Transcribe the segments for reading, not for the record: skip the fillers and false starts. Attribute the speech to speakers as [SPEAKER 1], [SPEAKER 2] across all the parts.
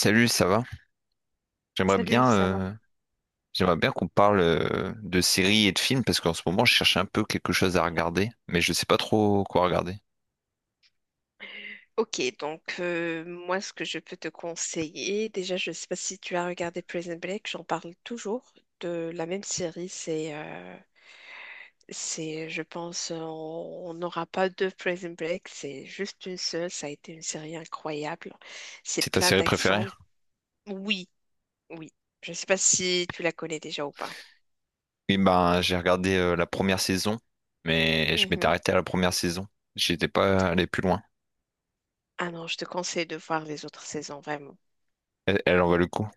[SPEAKER 1] Salut, ça va? J'aimerais
[SPEAKER 2] Salut,
[SPEAKER 1] bien,
[SPEAKER 2] ça va?
[SPEAKER 1] euh, j'aimerais bien qu'on parle de séries et de films parce qu'en ce moment, je cherche un peu quelque chose à regarder, mais je sais pas trop quoi regarder.
[SPEAKER 2] Ok, donc moi, ce que je peux te conseiller, déjà, je ne sais pas si tu as regardé Prison Break, j'en parle toujours de la même série. C'est, je pense, on n'aura pas deux Prison Break, c'est juste une seule. Ça a été une série incroyable.
[SPEAKER 1] C'est
[SPEAKER 2] C'est
[SPEAKER 1] ta
[SPEAKER 2] plein
[SPEAKER 1] série préférée?
[SPEAKER 2] d'action. Oui, oui. Je ne sais pas si tu la connais déjà ou pas.
[SPEAKER 1] Oui, ben j'ai regardé la première saison, mais je m'étais
[SPEAKER 2] Mhm.
[SPEAKER 1] arrêté à la première saison. J'étais pas allé plus loin.
[SPEAKER 2] Ah non, je te conseille de voir les autres saisons.
[SPEAKER 1] Elle, elle en vaut le coup.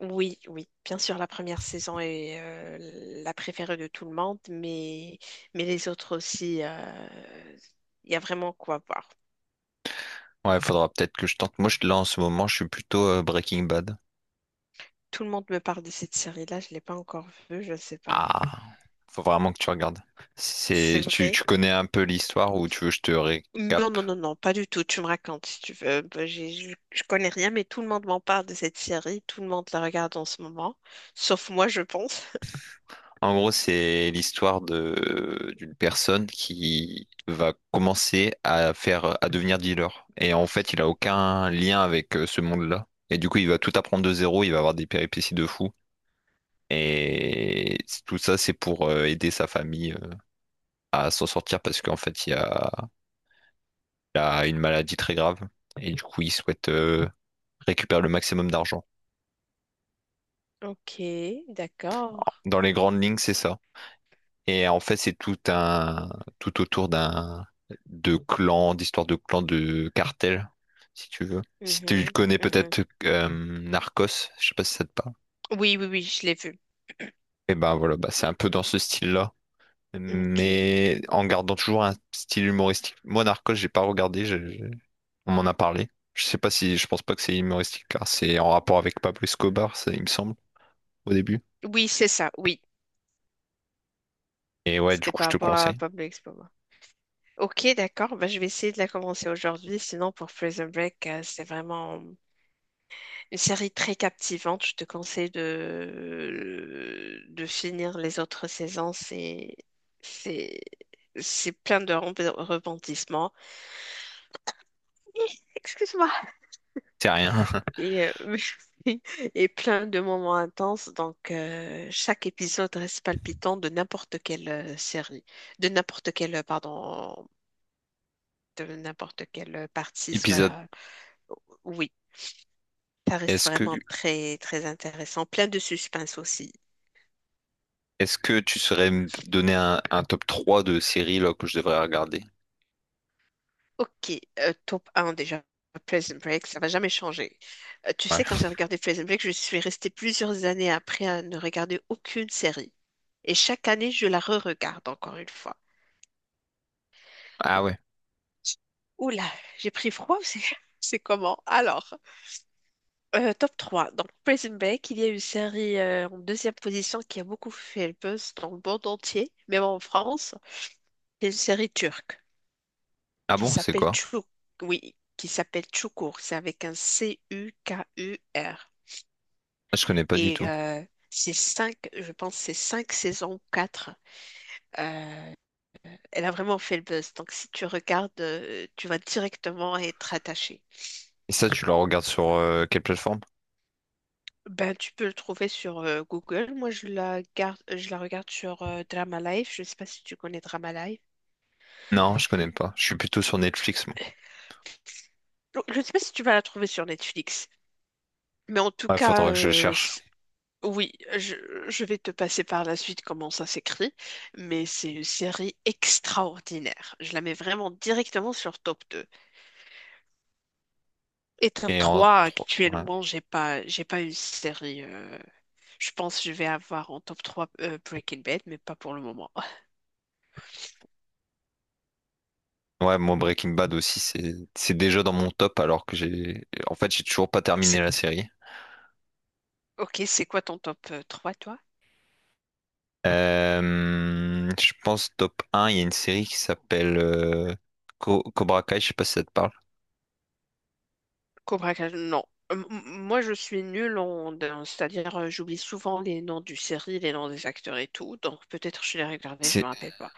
[SPEAKER 2] Oui, oui, bien sûr, la première saison est la préférée de tout le monde, mais les autres aussi, il y a vraiment quoi voir.
[SPEAKER 1] Ouais, faudra peut-être que je tente. Moi, je, là en ce moment, je suis plutôt Breaking Bad.
[SPEAKER 2] Tout le monde me parle de cette série-là, je ne l'ai pas encore vue, je ne sais pas.
[SPEAKER 1] Ah, faut vraiment que tu regardes.
[SPEAKER 2] C'est
[SPEAKER 1] C'est, tu,
[SPEAKER 2] vrai?
[SPEAKER 1] tu connais un peu l'histoire ou tu veux que je te
[SPEAKER 2] Non,
[SPEAKER 1] récap?
[SPEAKER 2] non, non, non, pas du tout, tu me racontes si tu veux. Bah, je connais rien, mais tout le monde m'en parle de cette série, tout le monde la regarde en ce moment, sauf moi, je pense.
[SPEAKER 1] En gros, c'est l'histoire de d'une personne qui va commencer à faire à devenir dealer. Et en fait, il a aucun lien avec ce monde-là. Et du coup, il va tout apprendre de zéro, il va avoir des péripéties de fou.
[SPEAKER 2] Mhm.
[SPEAKER 1] Tout ça, c'est pour aider sa famille à s'en sortir parce qu'en fait, il a une maladie très grave. Et du coup, il souhaite récupérer le maximum d'argent.
[SPEAKER 2] Ok, d'accord.
[SPEAKER 1] Dans les grandes lignes, c'est ça. Et en fait, c'est tout un tout autour d'un de clans, d'histoires de clans, de cartels, si tu veux. Si tu
[SPEAKER 2] Mhm,
[SPEAKER 1] connais
[SPEAKER 2] mhm.
[SPEAKER 1] peut-être Narcos, je sais pas si ça te parle.
[SPEAKER 2] Oui, oui, oui, je l'ai vue.
[SPEAKER 1] Et ben voilà, bah c'est un peu dans ce style-là,
[SPEAKER 2] Ok.
[SPEAKER 1] mais en gardant toujours un style humoristique. Moi, Narcos, j'ai pas regardé, on m'en a parlé. Je sais pas si, je pense pas que c'est humoristique, car c'est en rapport avec Pablo Escobar, ça, il me semble, au début.
[SPEAKER 2] Oui, c'est ça, oui.
[SPEAKER 1] Et ouais, du
[SPEAKER 2] C'était
[SPEAKER 1] coup, je
[SPEAKER 2] par
[SPEAKER 1] te le
[SPEAKER 2] rapport à
[SPEAKER 1] conseille.
[SPEAKER 2] Pablo Escobar. Ok, d'accord, bah, je vais essayer de la commencer aujourd'hui. Sinon, pour Prison Break, c'est vraiment une série très captivante. Je te conseille de finir les autres saisons. C'est, c'est plein de repentissements. Hi, excuse-moi.
[SPEAKER 1] C'est rien.
[SPEAKER 2] Et, et plein de moments intenses. Donc, chaque épisode reste palpitant de n'importe quelle série, de n'importe quelle, pardon, de n'importe quel partie.
[SPEAKER 1] Épisode.
[SPEAKER 2] Voilà. Oui, ça reste
[SPEAKER 1] Est-ce que,
[SPEAKER 2] vraiment très, très intéressant. Plein de suspense aussi.
[SPEAKER 1] est-ce que tu saurais me donner un top trois de séries là, que je devrais regarder?
[SPEAKER 2] Ok, top un déjà. Prison Break, ça va jamais changer. Tu
[SPEAKER 1] Ouais.
[SPEAKER 2] sais, quand j'ai regardé Prison Break, je suis restée plusieurs années après à ne regarder aucune série. Et chaque année, je la re-regarde encore une fois.
[SPEAKER 1] Ah ouais.
[SPEAKER 2] Oula, j'ai pris froid, ou c'est c'est comment? Alors, top 3. Donc, Prison Break, il y a une série en deuxième position qui a beaucoup fait le buzz dans le monde entier, même en France. C'est une série turque
[SPEAKER 1] Ah
[SPEAKER 2] qui
[SPEAKER 1] bon, c'est
[SPEAKER 2] s'appelle
[SPEAKER 1] quoi?
[SPEAKER 2] Çukur. Oui, qui s'appelle Çukur. C'est avec un Cukur.
[SPEAKER 1] Ah, je connais pas du
[SPEAKER 2] Et
[SPEAKER 1] tout.
[SPEAKER 2] c'est cinq, je pense, que c'est cinq saisons ou quatre. Euh, Elle a vraiment fait le buzz. Donc si tu regardes, tu vas directement être attaché.
[SPEAKER 1] Et ça, tu le regardes sur quelle plateforme?
[SPEAKER 2] Ben, tu peux le trouver sur Google. Moi, je la regarde sur Drama Life. Je ne sais pas si tu connais Drama Life.
[SPEAKER 1] Non, je connais pas. Je suis plutôt sur Netflix, moi.
[SPEAKER 2] Je ne sais pas si tu vas la trouver sur Netflix. Mais en tout
[SPEAKER 1] Ouais,
[SPEAKER 2] cas,
[SPEAKER 1] faudra que je
[SPEAKER 2] euh,
[SPEAKER 1] cherche.
[SPEAKER 2] Oui, je, je vais te passer par la suite comment ça s'écrit, mais c'est une série extraordinaire. Je la mets vraiment directement sur top 2. Et top
[SPEAKER 1] Et en
[SPEAKER 2] 3,
[SPEAKER 1] 3. Ouais.
[SPEAKER 2] actuellement, j'ai pas une série. Je pense que je vais avoir en top 3 Breaking Bad, mais pas pour le moment.
[SPEAKER 1] Ouais, moi Breaking Bad aussi, c'est déjà dans mon top alors que j'ai en fait j'ai toujours pas terminé
[SPEAKER 2] C'est-
[SPEAKER 1] la série.
[SPEAKER 2] Ok, c'est quoi ton top 3, toi?
[SPEAKER 1] Je pense top un, il y a une série qui s'appelle Cobra Kai, je sais pas si ça te parle.
[SPEAKER 2] Cobra Kai, non. Moi, je suis nulle c'est-à-dire, j'oublie souvent les noms du série, les noms des acteurs et tout, donc peut-être je les regardais, je me
[SPEAKER 1] C'est
[SPEAKER 2] rappelle pas.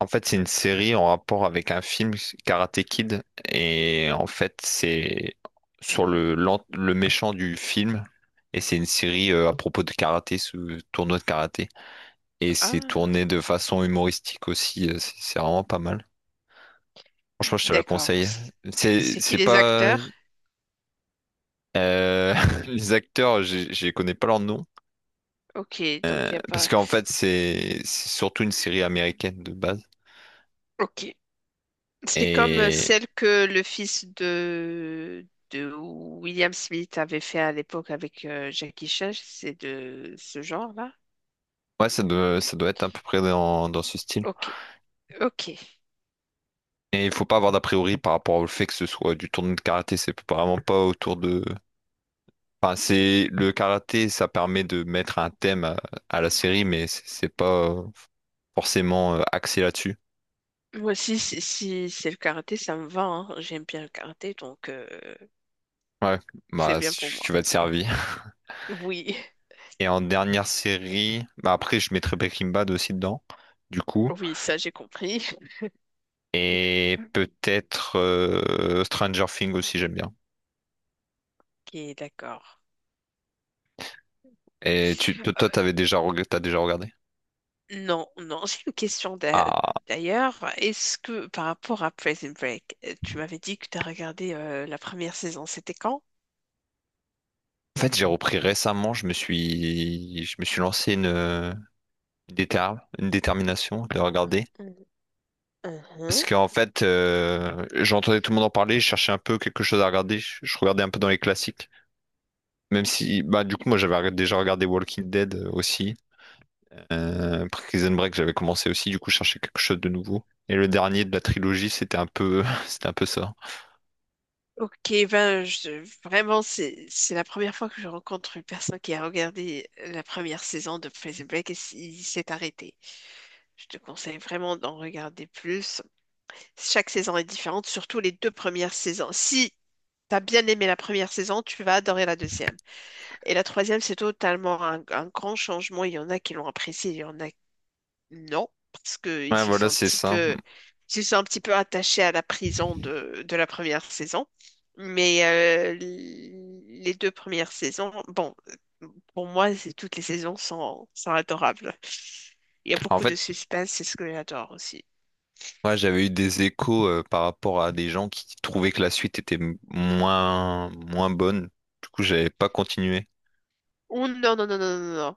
[SPEAKER 1] c'est une série en rapport avec un film Karate Kid et en fait c'est sur
[SPEAKER 2] Mhm.
[SPEAKER 1] le méchant du film et c'est une série à propos de karaté, ce tournoi de karaté et c'est
[SPEAKER 2] Ah,
[SPEAKER 1] tourné de façon humoristique aussi, c'est vraiment pas mal. Franchement, je te la
[SPEAKER 2] d'accord.
[SPEAKER 1] conseille.
[SPEAKER 2] C- C'est qui
[SPEAKER 1] C'est
[SPEAKER 2] les
[SPEAKER 1] pas
[SPEAKER 2] acteurs?
[SPEAKER 1] les acteurs, je connais pas leur nom
[SPEAKER 2] Ok, donc il n'y a
[SPEAKER 1] parce
[SPEAKER 2] pas.
[SPEAKER 1] qu'en fait, c'est surtout une série américaine de base.
[SPEAKER 2] Ok. C'est comme
[SPEAKER 1] Et
[SPEAKER 2] celle que le fils de William Smith avait fait à l'époque avec Jackie Chan, c'est de ce genre-là.
[SPEAKER 1] ouais, ça doit être à peu près dans ce style.
[SPEAKER 2] Ok, ok.
[SPEAKER 1] Et il faut pas avoir d'a priori par rapport au fait que ce soit du tournoi de karaté. C'est vraiment pas autour de. Enfin, c'est le karaté, ça permet de mettre un thème à la série, mais c'est pas forcément axé là-dessus.
[SPEAKER 2] Moi aussi, si, si c'est le karaté, ça me va, hein. J'aime bien le karaté, donc
[SPEAKER 1] Ouais,
[SPEAKER 2] c'est
[SPEAKER 1] bah
[SPEAKER 2] bien pour
[SPEAKER 1] si
[SPEAKER 2] moi.
[SPEAKER 1] tu vas te servir.
[SPEAKER 2] Oui,
[SPEAKER 1] Et en dernière série, bah après je mettrais Breaking Bad aussi dedans, du coup.
[SPEAKER 2] oui, ça j'ai compris.
[SPEAKER 1] Et peut-être Stranger Things aussi, j'aime bien.
[SPEAKER 2] Ok, d'accord.
[SPEAKER 1] Et
[SPEAKER 2] Euh,
[SPEAKER 1] toi, t'avais déjà, t'as déjà regardé?
[SPEAKER 2] Non, non, j'ai une question
[SPEAKER 1] Ah,
[SPEAKER 2] d'ailleurs. Est-ce que par rapport à Prison Break, tu m'avais dit que tu as regardé la première saison, c'était quand?
[SPEAKER 1] en fait, j'ai repris récemment, je me suis lancé une, une détermination de regarder.
[SPEAKER 2] Mhm.
[SPEAKER 1] Parce
[SPEAKER 2] Mhm.
[SPEAKER 1] qu'en fait, j'entendais tout le monde en parler, je cherchais un peu quelque chose à regarder, je regardais un peu dans les classiques. Même si, bah, du coup, moi, j'avais déjà regardé Walking Dead aussi. Prison Break, j'avais commencé aussi, du coup, je cherchais quelque chose de nouveau. Et le dernier de la trilogie, c'était un peu, c'était un peu ça.
[SPEAKER 2] Ok, ben vraiment, c'est la première fois que je rencontre une personne qui a regardé la première saison de Prison Break et il s'est arrêté. Je te conseille vraiment d'en regarder plus. Chaque saison est différente, surtout les deux premières saisons. Si tu as bien aimé la première saison, tu vas adorer la deuxième. Et la troisième, c'est totalement un grand changement. Il y en a qui l'ont apprécié, il y en a non, parce qu'ils
[SPEAKER 1] Ouais,
[SPEAKER 2] se sont
[SPEAKER 1] voilà,
[SPEAKER 2] un
[SPEAKER 1] c'est
[SPEAKER 2] petit
[SPEAKER 1] ça.
[SPEAKER 2] peu attachés à la prison de la première saison. Mais les deux premières saisons, bon, pour moi, toutes les saisons sont, sont adorables. Il y a
[SPEAKER 1] En
[SPEAKER 2] beaucoup de
[SPEAKER 1] fait,
[SPEAKER 2] suspense, c'est ce que j'adore aussi.
[SPEAKER 1] ouais, j'avais eu des échos par rapport à des gens qui trouvaient que la suite était moins bonne. Du coup, j'avais pas continué.
[SPEAKER 2] Oh non, non, non, non, non, non.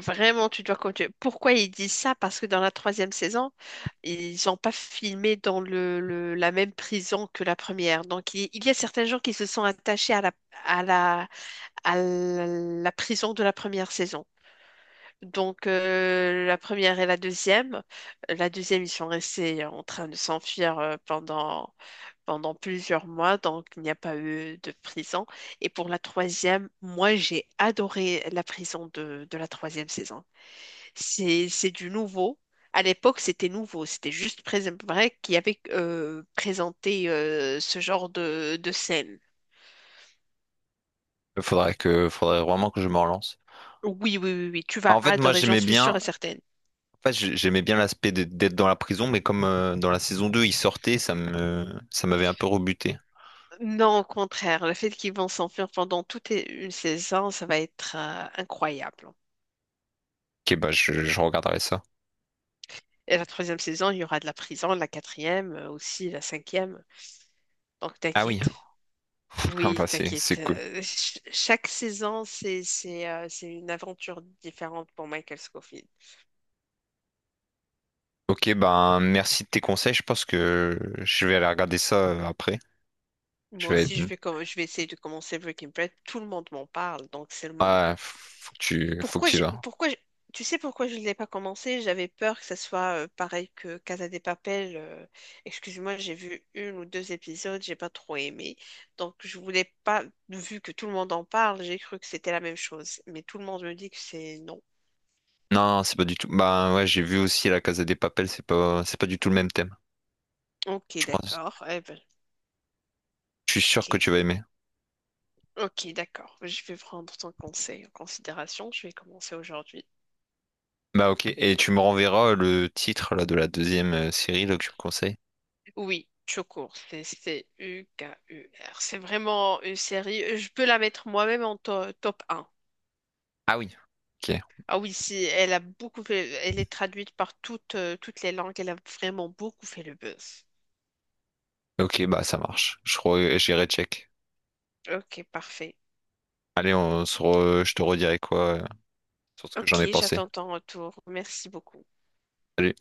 [SPEAKER 2] Vraiment, tu dois continuer. Pourquoi ils disent ça? Parce que dans la troisième saison, ils n'ont pas filmé dans la même prison que la première. Donc, il y a certains gens qui se sont attachés à la, à la prison de la première saison. Donc, la première et la deuxième. La deuxième, ils sont restés en train de s'enfuir pendant plusieurs mois, donc il n'y a pas eu de prison. Et pour la troisième, moi, j'ai adoré la prison de la troisième saison. C'est du nouveau. À l'époque, c'était nouveau. C'était juste Prison Break qui avait présenté ce genre de scène.
[SPEAKER 1] Faudrait vraiment que je me relance.
[SPEAKER 2] Oui, oui, oui, oui, tu vas
[SPEAKER 1] En fait, moi,
[SPEAKER 2] adorer, j'en
[SPEAKER 1] j'aimais
[SPEAKER 2] suis sûre
[SPEAKER 1] bien.
[SPEAKER 2] et certaine.
[SPEAKER 1] Enfin, j'aimais bien l'aspect d'être dans la prison, mais comme dans la saison 2, il sortait, ça m'avait un peu rebuté.
[SPEAKER 2] Non, au contraire, le fait qu'ils vont s'enfuir pendant toute une saison, ça va être incroyable.
[SPEAKER 1] Ok, bah, je regarderai ça.
[SPEAKER 2] Et la troisième saison, il y aura de la prison, la quatrième aussi, la cinquième. Donc
[SPEAKER 1] Ah oui,
[SPEAKER 2] t'inquiète.
[SPEAKER 1] ah
[SPEAKER 2] Oui,
[SPEAKER 1] bah, c'est
[SPEAKER 2] t'inquiète.
[SPEAKER 1] cool.
[SPEAKER 2] Chaque saison, c'est une aventure différente pour Michael Scofield.
[SPEAKER 1] Ok, ben merci de tes conseils. Je pense que je vais aller regarder ça après.
[SPEAKER 2] Moi
[SPEAKER 1] Je vais
[SPEAKER 2] aussi, je vais essayer de commencer Breaking Bad. Tout le monde m'en parle, donc c'est le moment.
[SPEAKER 1] ouais, faut que
[SPEAKER 2] Pourquoi
[SPEAKER 1] tu y
[SPEAKER 2] j'ai
[SPEAKER 1] vas.
[SPEAKER 2] pourquoi j'ai- Tu sais pourquoi je ne l'ai pas commencé? J'avais peur que ça soit pareil que Casa de Papel. Excuse-moi, j'ai vu une ou deux épisodes, j'ai pas trop aimé. Donc je voulais pas, vu que tout le monde en parle, j'ai cru que c'était la même chose. Mais tout le monde me dit que c'est non.
[SPEAKER 1] Non, non, c'est pas du tout. Bah ouais, j'ai vu aussi La Casa des Papel, c'est pas du tout le même thème,
[SPEAKER 2] Ok,
[SPEAKER 1] je pense.
[SPEAKER 2] d'accord. Eh ben.
[SPEAKER 1] Je suis sûr que
[SPEAKER 2] Ok,
[SPEAKER 1] tu vas aimer.
[SPEAKER 2] ok, d'accord. Je vais prendre ton conseil en considération. Je vais commencer aujourd'hui.
[SPEAKER 1] Bah ok, et tu me renverras le titre là de la deuxième série là, que tu me conseilles.
[SPEAKER 2] Oui, Chocour, c'est Cukur. C'est vraiment une série. Je peux la mettre moi-même en top un.
[SPEAKER 1] Ah oui. Ok,
[SPEAKER 2] Ah oui, si, elle a beaucoup elle est traduite par toutes les langues. Elle a vraiment beaucoup fait le buzz.
[SPEAKER 1] ok, bah ça marche. J'irai check.
[SPEAKER 2] Ok, parfait.
[SPEAKER 1] Allez, je te redirai quoi sur ce que j'en
[SPEAKER 2] Ok,
[SPEAKER 1] ai pensé.
[SPEAKER 2] j'attends ton retour. Merci beaucoup.
[SPEAKER 1] Salut.